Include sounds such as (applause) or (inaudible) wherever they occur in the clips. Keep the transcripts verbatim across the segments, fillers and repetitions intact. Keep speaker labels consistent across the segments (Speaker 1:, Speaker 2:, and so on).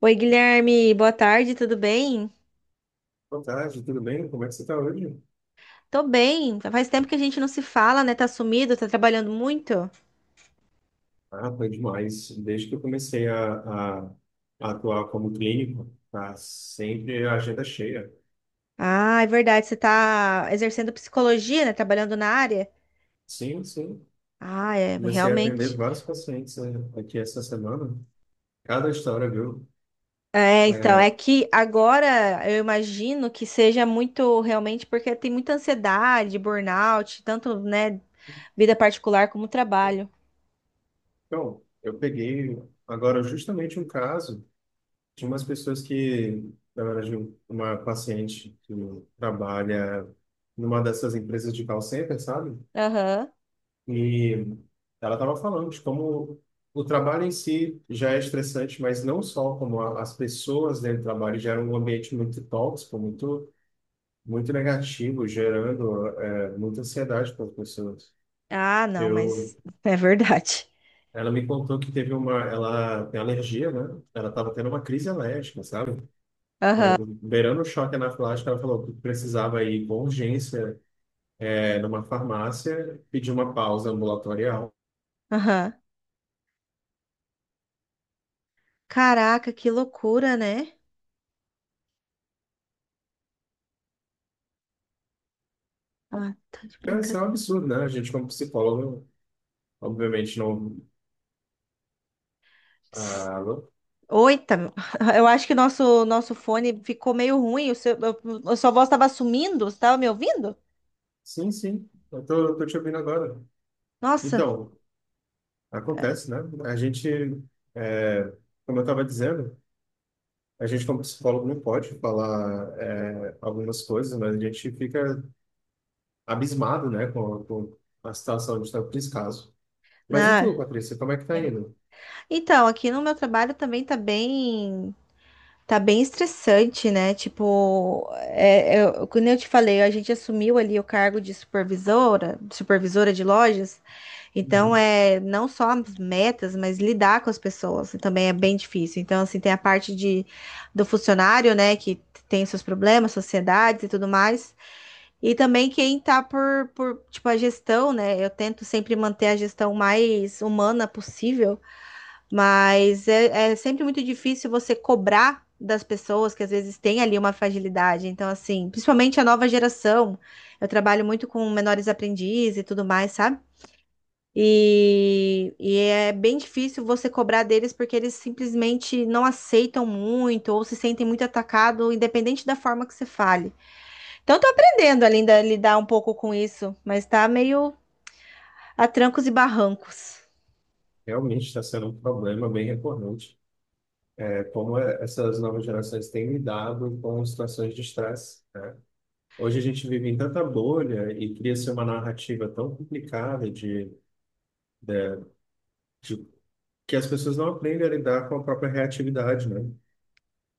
Speaker 1: Oi, Guilherme, boa tarde, tudo bem?
Speaker 2: Boa tarde, tudo bem? Como é que você está hoje?
Speaker 1: Tô bem. Faz tempo que a gente não se fala, né? Tá sumido, tá trabalhando muito?
Speaker 2: Ah, foi demais. Desde que eu comecei a, a- a atuar como clínico, tá sempre a agenda cheia.
Speaker 1: Ah, é verdade, você tá exercendo psicologia, né? Trabalhando na área?
Speaker 2: Sim, sim.
Speaker 1: Ah, é,
Speaker 2: Comecei a atender
Speaker 1: realmente.
Speaker 2: vários pacientes eh, aqui essa semana. Cada história, viu?
Speaker 1: É, então, é
Speaker 2: É,
Speaker 1: que agora eu imagino que seja muito realmente porque tem muita ansiedade, burnout, tanto, né, vida particular como trabalho.
Speaker 2: então, eu peguei agora justamente um caso de umas pessoas que, na verdade, um- uma paciente que trabalha numa dessas empresas de call center, sabe?
Speaker 1: Aham.
Speaker 2: E ela estava falando de como o trabalho em si já é estressante, mas não só como a, as pessoas dentro do trabalho geram um ambiente muito tóxico, muito, muito negativo, gerando é, muita ansiedade para as pessoas.
Speaker 1: Ah, não,
Speaker 2: Eu,
Speaker 1: mas é verdade.
Speaker 2: ela me contou que teve uma, ela tem alergia, né? Ela estava tendo uma crise alérgica, sabe? É,
Speaker 1: Aham,
Speaker 2: beirando o choque anafilático, ela falou que precisava ir com urgência, é, numa farmácia, pedir uma pausa ambulatorial.
Speaker 1: aham. Caraca, que loucura, né? Ah, tá de
Speaker 2: É, isso
Speaker 1: brincadeira.
Speaker 2: é um absurdo, né? A gente, como psicólogo, obviamente não. Ah, alô?
Speaker 1: Oita, (laughs) eu acho que nosso nosso fone ficou meio ruim. O seu, a sua voz estava sumindo. Você estava me ouvindo?
Speaker 2: Sim, sim. Eu tô, tô te ouvindo agora.
Speaker 1: Nossa,
Speaker 2: Então, acontece, né? A gente, é, como eu estava dizendo, a gente como psicólogo não pode falar é, algumas coisas, mas a gente fica abismado, né, com, com a situação de tanto descaso. Mas e
Speaker 1: né?
Speaker 2: tu, Patrícia, como é que tá
Speaker 1: É.
Speaker 2: indo?
Speaker 1: Então, aqui no meu trabalho também tá bem. Tá bem estressante, né? Tipo, é, eu, como eu te falei, a gente assumiu ali o cargo de supervisora, supervisora de lojas. Então,
Speaker 2: Uhum.
Speaker 1: é não só as metas, mas lidar com as pessoas também é bem difícil. Então, assim, tem a parte de, do funcionário, né, que tem seus problemas, sociedades e tudo mais. E também quem tá por, por, tipo, a gestão, né? Eu tento sempre manter a gestão mais humana possível. Mas é, é sempre muito difícil você cobrar das pessoas que às vezes têm ali uma fragilidade. Então, assim, principalmente a nova geração, eu trabalho muito com menores aprendizes e tudo mais, sabe? E, e é bem difícil você cobrar deles porque eles simplesmente não aceitam muito ou se sentem muito atacado, independente da forma que você fale. Então, eu tô aprendendo ainda a lidar um pouco com isso, mas tá meio a trancos e barrancos.
Speaker 2: Realmente está sendo um problema bem recorrente. É como é- essas novas gerações têm lidado com situações de estresse. Hoje a gente vive em tanta bolha e cria-se uma narrativa tão complicada de, de, de- que as pessoas não aprendem a lidar com a própria reatividade, né?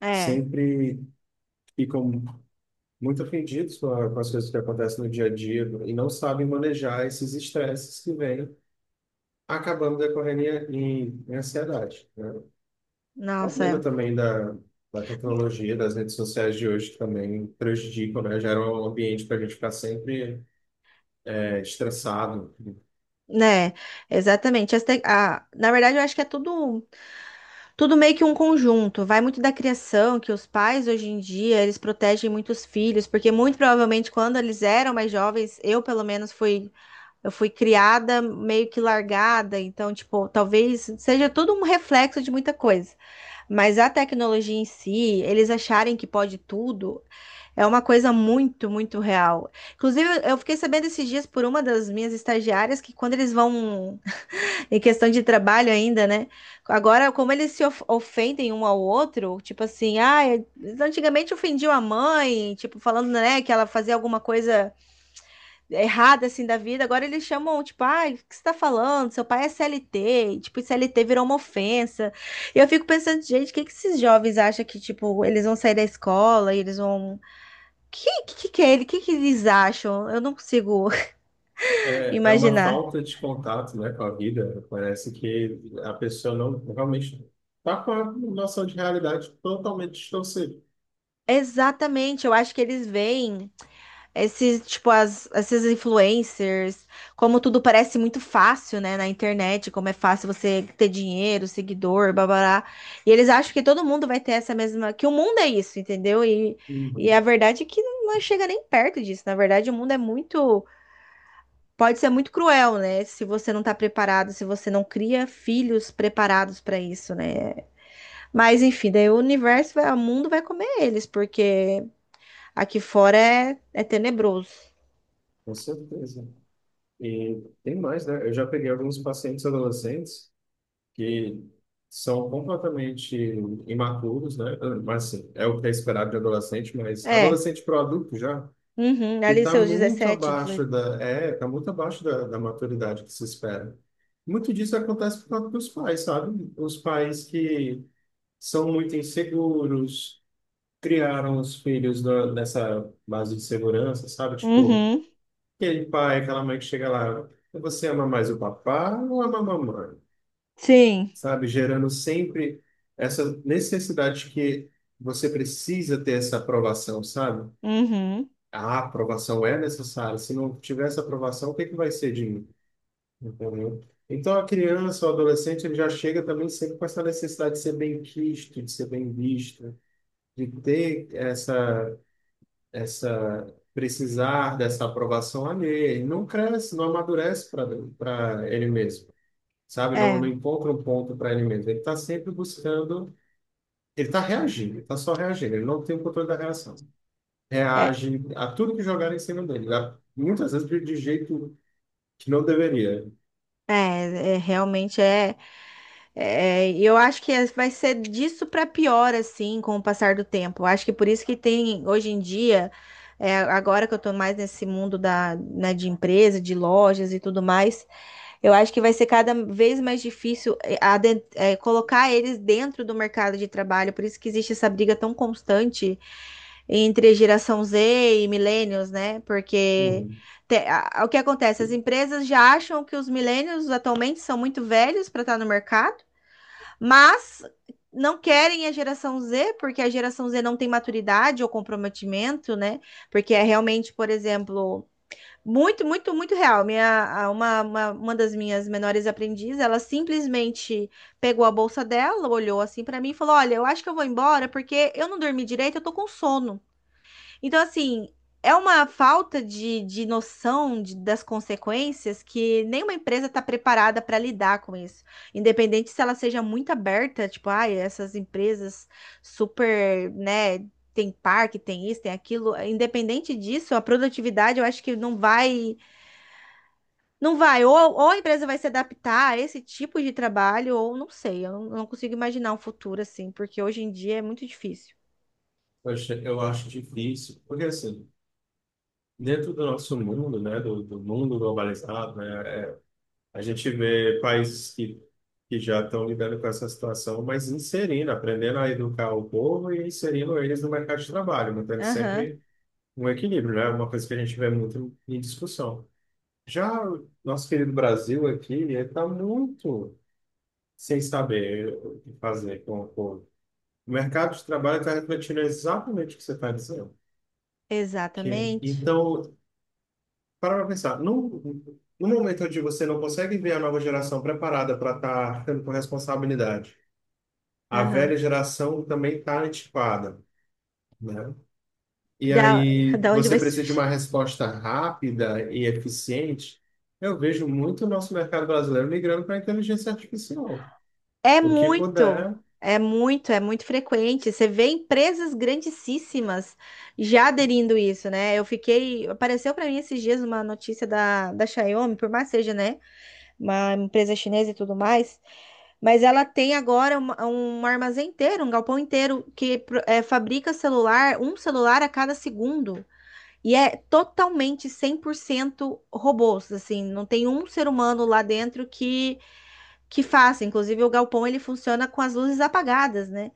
Speaker 1: É,
Speaker 2: Sempre ficam muito ofendidos com, a- com as coisas que acontecem no dia a dia e não sabem manejar esses estresses que vêm acabando decorrendo em, em, em ansiedade, né? O
Speaker 1: nossa,
Speaker 2: problema
Speaker 1: é.
Speaker 2: também da, da tecnologia, das redes sociais de hoje que também prejudicam, né? Gera um ambiente para a gente ficar sempre é, estressado.
Speaker 1: Né, exatamente. As te- a- na verdade, eu acho que é tudo, tudo meio que um conjunto. Vai muito da criação, que os pais hoje em dia eles protegem muitos filhos, porque muito provavelmente quando eles eram mais jovens, eu pelo menos fui, eu fui criada meio que largada. Então, tipo, talvez seja tudo um reflexo de muita coisa. Mas a tecnologia em si, eles acharem que pode tudo, é uma coisa muito, muito real. Inclusive, eu fiquei sabendo esses dias por uma das minhas estagiárias que quando eles vão em questão de trabalho ainda, né? Agora, como eles se of- ofendem um ao outro, tipo assim, ah, é- eles antigamente ofendiam a mãe, tipo, falando, né, que ela fazia alguma coisa errada, assim, da vida, agora eles chamam, tipo, ah, o que você tá falando? Seu pai é C L T, e, tipo, C L T virou uma ofensa. E eu fico pensando, gente, o que que esses jovens acham que, tipo, eles vão sair da escola e eles vão... Que que, que é ele? O que que eles acham? Eu não consigo (laughs)
Speaker 2: É, é uma
Speaker 1: imaginar.
Speaker 2: falta de contato, né, com a vida. Parece que a pessoa não realmente está com a noção de realidade totalmente distorcida.
Speaker 1: Exatamente, eu acho que eles veem esses, tipo, as, esses influencers, como tudo parece muito fácil, né, na internet, como é fácil você ter dinheiro, seguidor, babará. E eles acham que todo mundo vai ter essa mesma, que o mundo é isso, entendeu? E,
Speaker 2: Uhum,
Speaker 1: e a verdade é que não chega nem perto disso. Na verdade, o mundo é muito, pode ser muito cruel, né, se você não tá preparado, se você não cria filhos preparados pra isso, né? Mas enfim, daí o universo, vai- o mundo vai comer eles, porque aqui fora é, é tenebroso.
Speaker 2: com certeza. E tem mais, né? Eu já peguei alguns pacientes adolescentes que são completamente imaturos, né? Mas assim, é o que é esperado de adolescente, mas
Speaker 1: É.
Speaker 2: adolescente para adulto já.
Speaker 1: Uhum,
Speaker 2: Que
Speaker 1: ali
Speaker 2: está
Speaker 1: seus
Speaker 2: muito
Speaker 1: dezessete,
Speaker 2: abaixo
Speaker 1: dezoito.
Speaker 2: da, é, tá muito abaixo da, da maturidade que se espera. Muito disso acontece por causa dos pais, sabe? Os pais que são muito inseguros, criaram os filhos na- nessa base de segurança, sabe? Tipo,
Speaker 1: Uhum,
Speaker 2: aquele pai, aquela mãe que chega lá, você ama mais o papá ou ama a mamãe?
Speaker 1: sim.
Speaker 2: Sabe? Gerando sempre essa necessidade de que você precisa ter essa aprovação, sabe?
Speaker 1: Uhum.
Speaker 2: A aprovação é necessária. Se não tiver essa aprovação, o que é que vai ser de mim? Entendeu? Então, a criança, o adolescente, ele já chega também sempre com essa necessidade de ser bem quisto, de ser bem visto, de ter essa, essa, precisar dessa aprovação ali. Ele não cresce, não amadurece para para ele mesmo, sabe? Não, não
Speaker 1: É,
Speaker 2: encontra um ponto para ele mesmo. Ele está sempre buscando, ele está reagindo, está só reagindo, ele não tem o controle da reação.
Speaker 1: é,
Speaker 2: Reage a tudo que jogaram em cima dele, né? Muitas vezes de de jeito que não deveria.
Speaker 1: é, é, realmente é, é. e Eu acho que é, vai ser disso para pior, assim, com o passar do tempo. Eu acho que por isso que tem, hoje em dia, é, agora que eu tô mais nesse mundo da, né, de empresa, de lojas e tudo mais, eu acho que vai ser cada vez mais difícil é, aden- é, colocar eles dentro do mercado de trabalho. Por isso que existe essa briga tão constante entre geração Z e millennials, né? Porque
Speaker 2: Uhum.
Speaker 1: te- a- o que acontece? As empresas já acham que os millennials atualmente são muito velhos para estar no mercado, mas não querem a geração Z, porque a geração Z não tem maturidade ou comprometimento, né? Porque é realmente, por exemplo, muito, muito, muito real. Minha, a- uma, uma, uma das minhas menores aprendizes, ela simplesmente pegou a bolsa dela, olhou assim para mim e falou: Olha, eu acho que eu vou embora porque eu não dormi direito, eu tô com sono. Então, assim, é uma falta de, de noção de- das consequências que nenhuma empresa está preparada para lidar com isso. Independente se ela seja muito aberta, tipo, ai, essas empresas super, né, tem parque, tem isso, tem aquilo. Independente disso, a produtividade eu acho que não vai, não vai. Ou, ou a empresa vai se adaptar a esse tipo de trabalho, ou não sei, eu não, não consigo imaginar um futuro assim, porque hoje em dia é muito difícil.
Speaker 2: Eu acho, eu acho difícil, porque assim, dentro do nosso mundo, né, do, do mundo globalizado, né, a gente vê países que, que já estão lidando com essa situação, mas inserindo, aprendendo a educar o povo e inserindo eles no mercado de trabalho, mantendo
Speaker 1: Aham,
Speaker 2: sempre um equilíbrio, né, uma coisa que a gente vê muito em discussão. Já o nosso querido Brasil aqui, ele está muito sem saber o que fazer com o povo. O mercado de trabalho está refletindo exatamente o que você está dizendo. Que,
Speaker 1: exatamente.
Speaker 2: então, para pra pensar, no, no momento onde você não consegue ver a nova geração preparada para estar tendo com responsabilidade, a
Speaker 1: Aham.
Speaker 2: velha geração também está antiquada, né? E
Speaker 1: Da,
Speaker 2: aí
Speaker 1: da onde
Speaker 2: você
Speaker 1: vai
Speaker 2: precisa de
Speaker 1: surgir?
Speaker 2: uma resposta rápida e eficiente. Eu vejo muito o nosso mercado brasileiro migrando para a inteligência artificial.
Speaker 1: É
Speaker 2: O que
Speaker 1: muito,
Speaker 2: puder.
Speaker 1: é muito, é muito frequente. Você vê empresas grandíssimas já aderindo isso, né? Eu fiquei, apareceu para mim esses dias uma notícia da, da Xiaomi, por mais seja, né, uma empresa chinesa e tudo mais, mas ela tem agora uma- um armazém inteiro, um galpão inteiro que pro- é, fabrica celular, um celular a cada segundo. E é totalmente cem por cento robôs, assim, não tem um ser humano lá dentro que que faça. Inclusive, o galpão ele funciona com as luzes apagadas, né?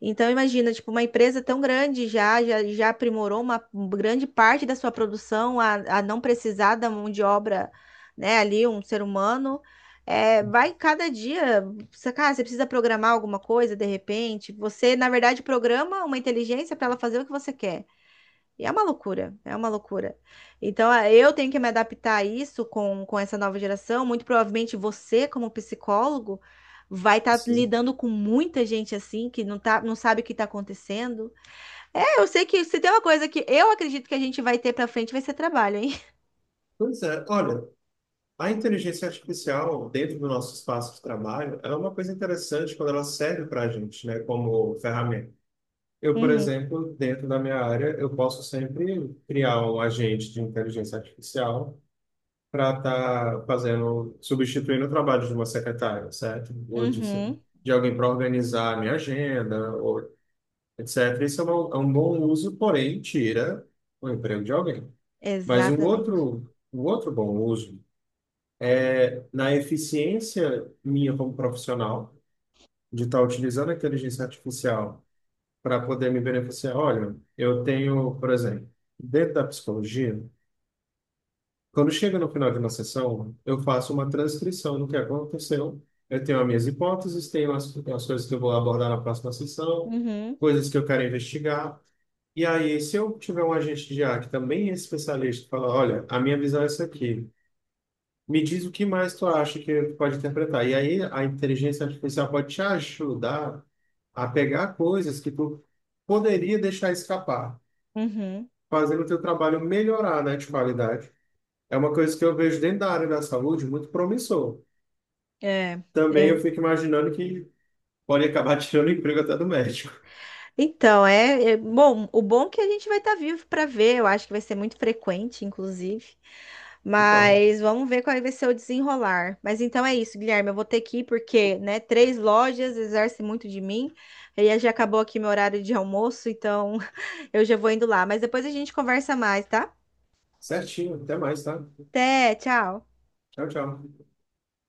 Speaker 1: Então, imagina, tipo, uma empresa tão grande já, já, já aprimorou uma grande parte da sua produção a, a não precisar da mão de obra, né? Ali, um ser humano. É, vai cada dia, você, cara, você precisa programar alguma coisa de repente. Você, na verdade, programa uma inteligência para ela fazer o que você quer. E é uma loucura, é uma loucura. Então, eh, eu tenho que me adaptar a isso com, com essa nova geração. Muito provavelmente você, como psicólogo, vai estar
Speaker 2: Sim.
Speaker 1: lidando com muita gente assim que não tá, não sabe o que está acontecendo. É, eu sei que se tem uma coisa que eu acredito que a gente vai ter para frente vai ser trabalho, hein? (laughs)
Speaker 2: Pois é, olha, a inteligência artificial dentro do nosso espaço de trabalho é uma coisa interessante quando ela serve para a gente, né, como ferramenta. Eu, por
Speaker 1: Uhum,
Speaker 2: exemplo, dentro da minha área, eu posso sempre criar um agente de inteligência artificial para estar fazendo, substituindo o trabalho de uma secretária, certo? Ou de,
Speaker 1: uhum,
Speaker 2: de alguém para organizar a minha agenda, ou etcétera. Isso é um, é um bom uso, porém, tira o emprego de alguém. Mas um
Speaker 1: exatamente.
Speaker 2: outro, um outro bom uso na eficiência minha como profissional, de estar utilizando a inteligência artificial para poder me beneficiar. Olha, eu tenho, por exemplo, dentro da psicologia, quando chega no final de uma sessão, eu faço uma transcrição do que aconteceu. Eu tenho as minhas hipóteses, tenho as, as coisas que eu vou abordar na próxima sessão,
Speaker 1: Uhum,
Speaker 2: coisas que eu quero investigar. E aí, se eu tiver um agente de I A que também é especialista, fala, olha, a minha visão é essa aqui. Me diz o que mais tu acha que tu pode interpretar. E aí a inteligência artificial pode te ajudar a pegar coisas que tu poderia deixar escapar,
Speaker 1: uhum.
Speaker 2: fazendo o teu trabalho melhorar, né, de qualidade. É uma coisa que eu vejo dentro da área da saúde muito promissor.
Speaker 1: É,
Speaker 2: Também eu
Speaker 1: é.
Speaker 2: fico imaginando que pode acabar (laughs) tirando o emprego até do médico.
Speaker 1: Então, é, é- bom. O bom é que a gente vai estar vivo para ver. Eu acho que vai ser muito frequente, inclusive.
Speaker 2: Não pode.
Speaker 1: Mas vamos ver qual vai ser o desenrolar. Mas então é isso, Guilherme. Eu vou ter que ir porque, né, três lojas exercem muito de mim. E aí já acabou aqui meu horário de almoço, então (laughs) eu já vou indo lá. Mas depois a gente conversa mais, tá?
Speaker 2: Certinho, até mais, tá?
Speaker 1: Até, tchau.
Speaker 2: Tchau, tchau.